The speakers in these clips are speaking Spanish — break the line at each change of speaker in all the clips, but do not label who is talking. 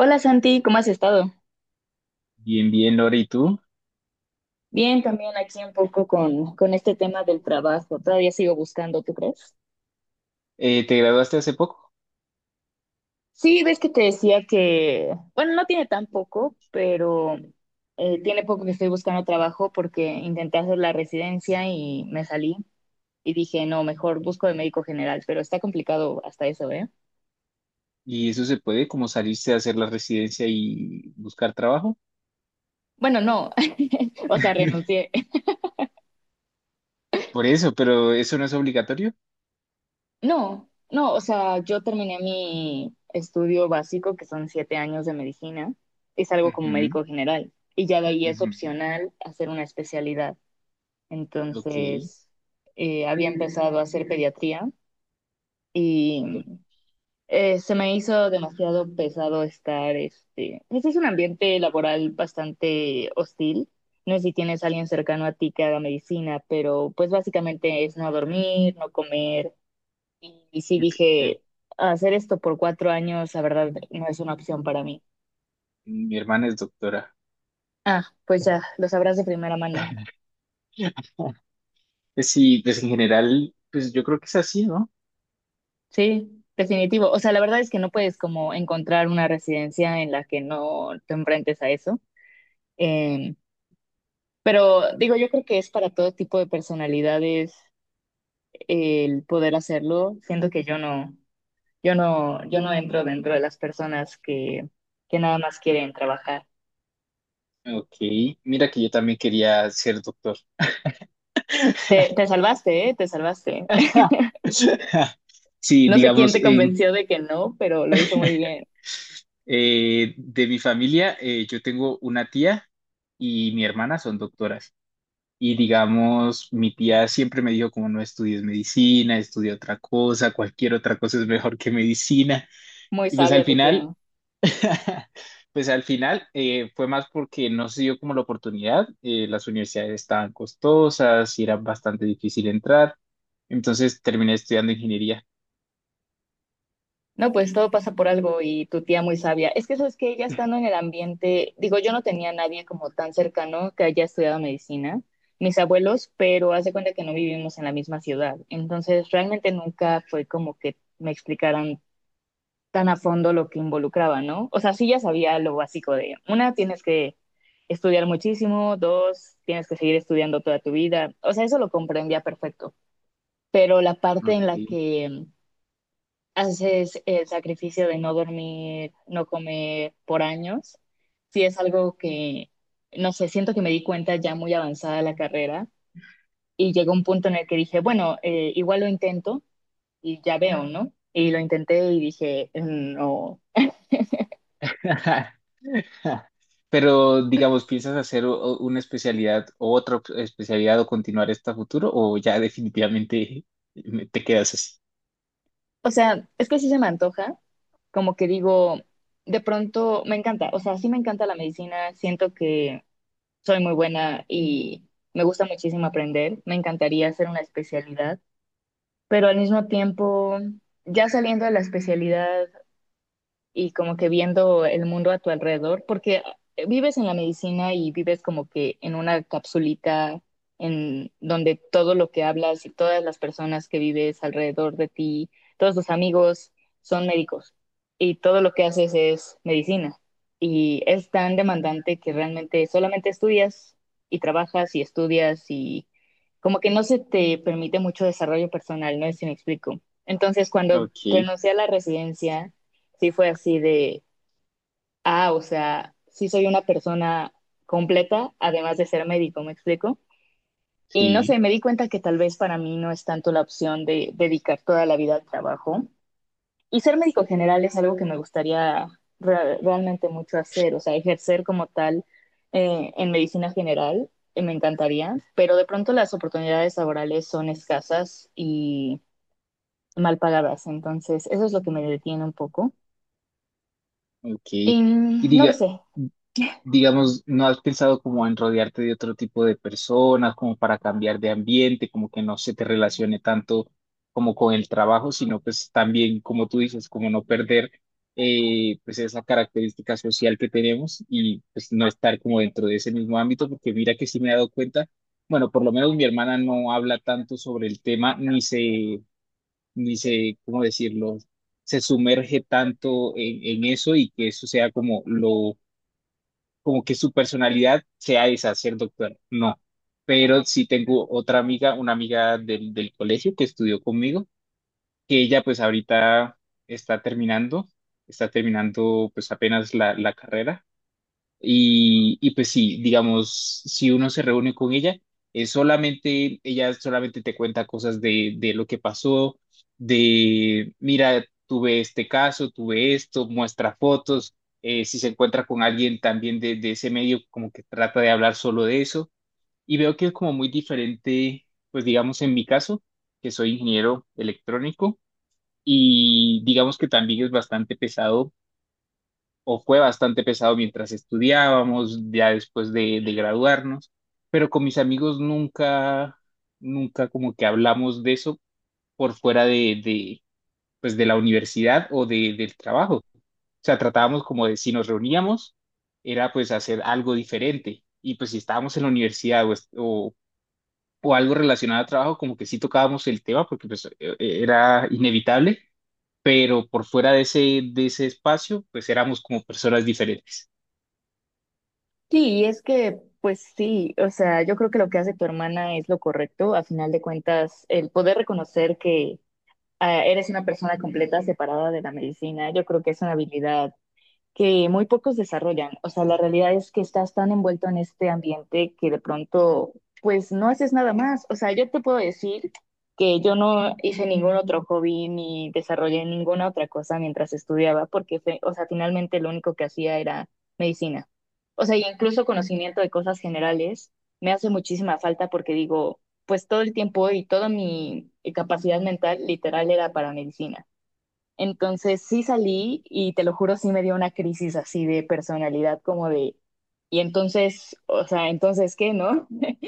Hola Santi, ¿cómo has estado?
Bien, bien, Lore, ¿y tú?
Bien, también aquí un poco con este tema del trabajo. Todavía sigo buscando, ¿tú crees?
¿Te graduaste hace poco?
Sí, ves que te decía que, bueno, no tiene tan poco, pero tiene poco que estoy buscando trabajo porque intenté hacer la residencia y me salí y dije, no, mejor busco de médico general, pero está complicado hasta eso, ¿eh?
¿Y eso se puede, como salirse a hacer la residencia y buscar trabajo?
Bueno, no, o sea, renuncié.
Por eso, pero eso no es obligatorio.
No, no, o sea, yo terminé mi estudio básico, que son 7 años de medicina, es algo como
Ujú,
médico general, y ya de ahí es
ujú.
opcional hacer una especialidad.
Ok.
Entonces, había empezado a hacer pediatría y se me hizo demasiado pesado pues es un ambiente laboral bastante hostil. No sé si tienes a alguien cercano a ti que haga medicina, pero pues básicamente es no dormir, no comer y sí dije, hacer esto por 4 años, la verdad, no es una opción para mí.
Mi hermana es doctora.
Ah, pues ya, lo sabrás de primera mano.
Pues sí, pues en general, pues yo creo que es así, ¿no?
Sí, definitivo. O sea, la verdad es que no puedes como encontrar una residencia en la que no te enfrentes a eso. Em, pero digo, yo creo que es para todo tipo de personalidades el poder hacerlo, siendo que yo no entro dentro de las personas que nada más quieren trabajar.
Ok, mira que yo también quería ser doctor.
Te salvaste, ¿eh? Te salvaste.
Sí,
No sé quién
digamos,
te convenció de que no, pero lo hizo muy bien.
De mi familia, yo tengo una tía y mi hermana son doctoras. Y digamos, mi tía siempre me dijo como no estudies medicina, estudia otra cosa, cualquier otra cosa es mejor que medicina.
Muy
Y pues
sabia
al
tu
final,
tía.
pues al final fue más porque no se dio como la oportunidad. Las universidades estaban costosas y era bastante difícil entrar. Entonces terminé estudiando ingeniería.
No, pues todo pasa por algo y tu tía muy sabia. Es que eso es que ella estando en el ambiente, digo, yo no tenía nadie como tan cercano que haya estudiado medicina, mis abuelos, pero hace cuenta que no vivimos en la misma ciudad. Entonces, realmente nunca fue como que me explicaran tan a fondo lo que involucraba, ¿no? O sea, sí ya sabía lo básico de, una, tienes que estudiar muchísimo, dos, tienes que seguir estudiando toda tu vida. O sea, eso lo comprendía perfecto, pero la parte en
Ok.
la que haces el sacrificio de no dormir, no comer por años, sí es algo que, no sé, siento que me di cuenta ya muy avanzada la carrera y llegó un punto en el que dije, bueno, igual lo intento y ya veo, ¿no? Y lo intenté y dije, no,
Ja. Pero, digamos, ¿piensas hacer o una especialidad o especialidad o continuar esta futuro o ya definitivamente te quedas así?
o sea, es que sí se me antoja, como que digo, de pronto me encanta, o sea, sí me encanta la medicina, siento que soy muy buena y me gusta muchísimo aprender. Me encantaría hacer una especialidad, pero al mismo tiempo, ya saliendo de la especialidad, y como que viendo el mundo a tu alrededor, porque vives en la medicina y vives como que en una capsulita en donde todo lo que hablas y todas las personas que vives alrededor de ti, todos tus amigos son médicos y todo lo que haces es medicina. Y es tan demandante que realmente solamente estudias y trabajas y estudias y como que no se te permite mucho desarrollo personal, no sé si me explico. Entonces, cuando
Ok,
renuncié a la residencia, sí fue así de, ah, o sea, sí soy una persona completa, además de ser médico, ¿me explico? Y no sé,
sí.
me di cuenta que tal vez para mí no es tanto la opción de dedicar toda la vida al trabajo. Y ser médico general es algo que me gustaría realmente mucho hacer, o sea, ejercer como tal en medicina general. Me encantaría, pero de pronto las oportunidades laborales son escasas y mal pagadas, entonces eso es lo que me detiene un poco.
Ok.
Y
Y
mm, no lo
diga,
sé.
digamos, ¿no has pensado como en rodearte de otro tipo de personas, como para cambiar de ambiente, como que no se te relacione tanto como con el trabajo, sino pues también, como tú dices, como no perder pues esa característica social que tenemos y pues no estar como dentro de ese mismo ámbito, porque mira que sí me he dado cuenta, bueno, por lo menos mi hermana no habla tanto sobre el tema, ni se, ¿cómo decirlo? Se sumerge tanto en, eso y que eso sea como lo, como que su personalidad sea esa, ser doctor. No. Pero sí tengo otra amiga, una amiga del colegio que estudió conmigo, que ella pues ahorita está terminando, está terminando pues apenas la carrera y pues sí, digamos, si uno se reúne con ella, es solamente, ella solamente te cuenta cosas de lo que pasó, mira, tuve este caso, tuve esto, muestra fotos, si se encuentra con alguien también de ese medio, como que trata de hablar solo de eso. Y veo que es como muy diferente, pues digamos, en mi caso, que soy ingeniero electrónico, y digamos que también es bastante pesado o fue bastante pesado mientras estudiábamos, ya después de graduarnos, pero con mis amigos nunca, nunca como que hablamos de eso por fuera pues de la universidad o del trabajo. O sea, tratábamos como de si nos reuníamos, era pues hacer algo diferente. Y pues si estábamos en la universidad o algo relacionado al trabajo, como que sí tocábamos el tema porque pues era inevitable, pero por fuera de ese espacio, pues éramos como personas diferentes.
Sí, es que, pues sí, o sea, yo creo que lo que hace tu hermana es lo correcto. A final de cuentas, el poder reconocer que ah, eres una persona completa separada de la medicina, yo creo que es una habilidad que muy pocos desarrollan. O sea, la realidad es que estás tan envuelto en este ambiente que de pronto, pues no haces nada más. O sea, yo te puedo decir que yo no hice ningún otro hobby ni desarrollé ninguna otra cosa mientras estudiaba, porque, o sea, finalmente lo único que hacía era medicina. O sea, y incluso conocimiento de cosas generales me hace muchísima falta porque digo, pues todo el tiempo y toda mi capacidad mental literal era para medicina. Entonces sí salí y te lo juro, sí me dio una crisis así de personalidad, como de, y entonces, o sea, entonces qué, ¿no?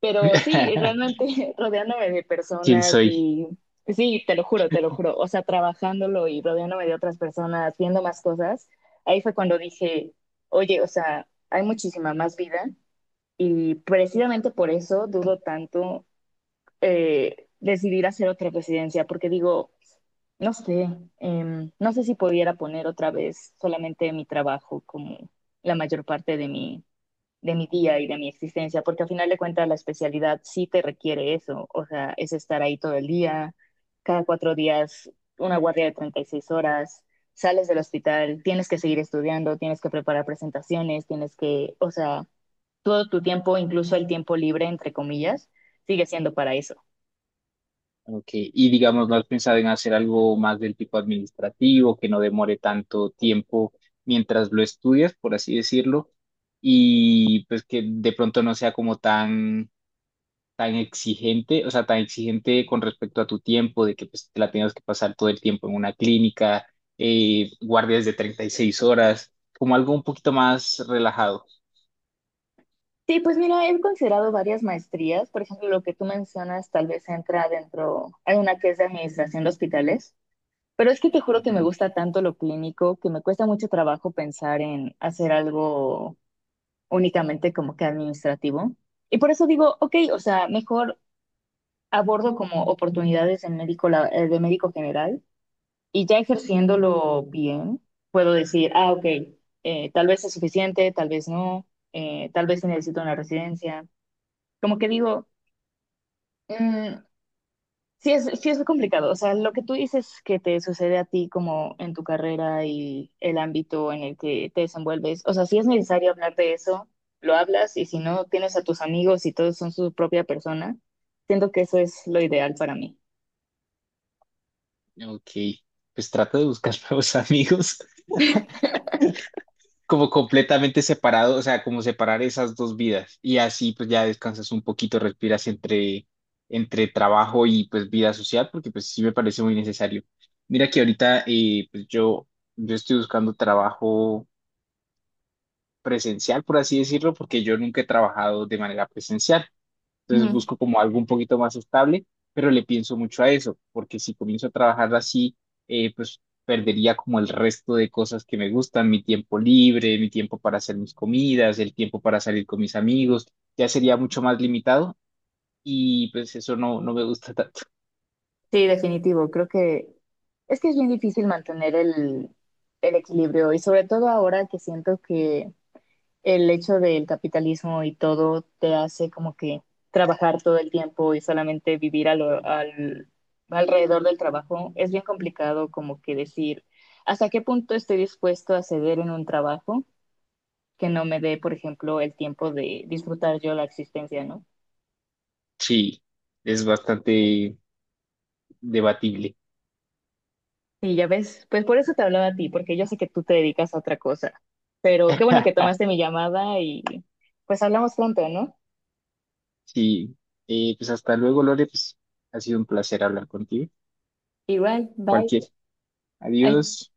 Pero sí, realmente rodeándome de
¿Quién
personas
soy?
y pues sí, te lo juro, o sea, trabajándolo y rodeándome de otras personas, viendo más cosas, ahí fue cuando dije, oye, o sea, hay muchísima más vida y precisamente por eso dudo tanto decidir hacer otra residencia, porque digo, no sé, no sé si pudiera poner otra vez solamente mi trabajo como la mayor parte de mi día y de mi existencia, porque al final de cuentas la especialidad sí te requiere eso, o sea, es estar ahí todo el día, cada 4 días, una guardia de 36 horas, sales del hospital, tienes que seguir estudiando, tienes que preparar presentaciones, tienes que, o sea, todo tu tiempo, incluso el tiempo libre, entre comillas, sigue siendo para eso.
Ok, y digamos, ¿no has pensado en hacer algo más del tipo administrativo, que no demore tanto tiempo mientras lo estudias, por así decirlo, y pues que de pronto no sea como tan exigente, o sea, tan exigente con respecto a tu tiempo, de que pues, te la tengas que pasar todo el tiempo en una clínica, guardias de 36 horas, ¿como algo un poquito más relajado?
Sí, pues mira, he considerado varias maestrías. Por ejemplo, lo que tú mencionas tal vez entra dentro, hay una que es de administración de hospitales, pero es que te juro que me gusta tanto lo clínico que me cuesta mucho trabajo pensar en hacer algo únicamente como que administrativo. Y por eso digo, ok, o sea, mejor abordo como oportunidades de médico, de médico general y ya ejerciéndolo bien, puedo decir, ah, ok, tal vez es suficiente, tal vez no, tal vez sí necesito una residencia. Como que digo... Mm, sí es, complicado. O sea, lo que tú dices que te sucede a ti como en tu carrera y el ámbito en el que te desenvuelves. O sea, si es necesario hablar de eso, lo hablas y si no, tienes a tus amigos y todos son su propia persona. Siento que eso es lo ideal para mí.
Ujú. Ok, pues trata de buscar nuevos amigos. Como completamente separado, o sea, como separar esas dos vidas y así pues ya descansas un poquito, respiras entre trabajo y pues vida social, porque pues sí me parece muy necesario. Mira que ahorita pues yo estoy buscando trabajo presencial, por así decirlo, porque yo nunca he trabajado de manera presencial. Entonces
Ujú.
busco como algo un poquito más estable, pero le pienso mucho a eso, porque si comienzo a trabajar así, pues perdería como el resto de cosas que me gustan, mi tiempo libre, mi tiempo para hacer mis comidas, el tiempo para salir con mis amigos, ya sería mucho más limitado y pues eso no, no me gusta tanto.
Sí, definitivo. Creo que es bien difícil mantener el equilibrio y sobre todo ahora que siento que el hecho del capitalismo y todo te hace como que trabajar todo el tiempo y solamente vivir alrededor del trabajo, es bien complicado como que decir hasta qué punto estoy dispuesto a ceder en un trabajo que no me dé, por ejemplo, el tiempo de disfrutar yo la existencia, ¿no?
Sí, es bastante debatible.
Y ya ves, pues por eso te hablaba a ti, porque yo sé que tú te dedicas a otra cosa, pero qué bueno que tomaste mi llamada y pues hablamos pronto, ¿no?
Sí, pues hasta luego, Lore, pues ha sido un placer hablar contigo.
Igual, bye.
Cualquier.
Ay.
Adiós.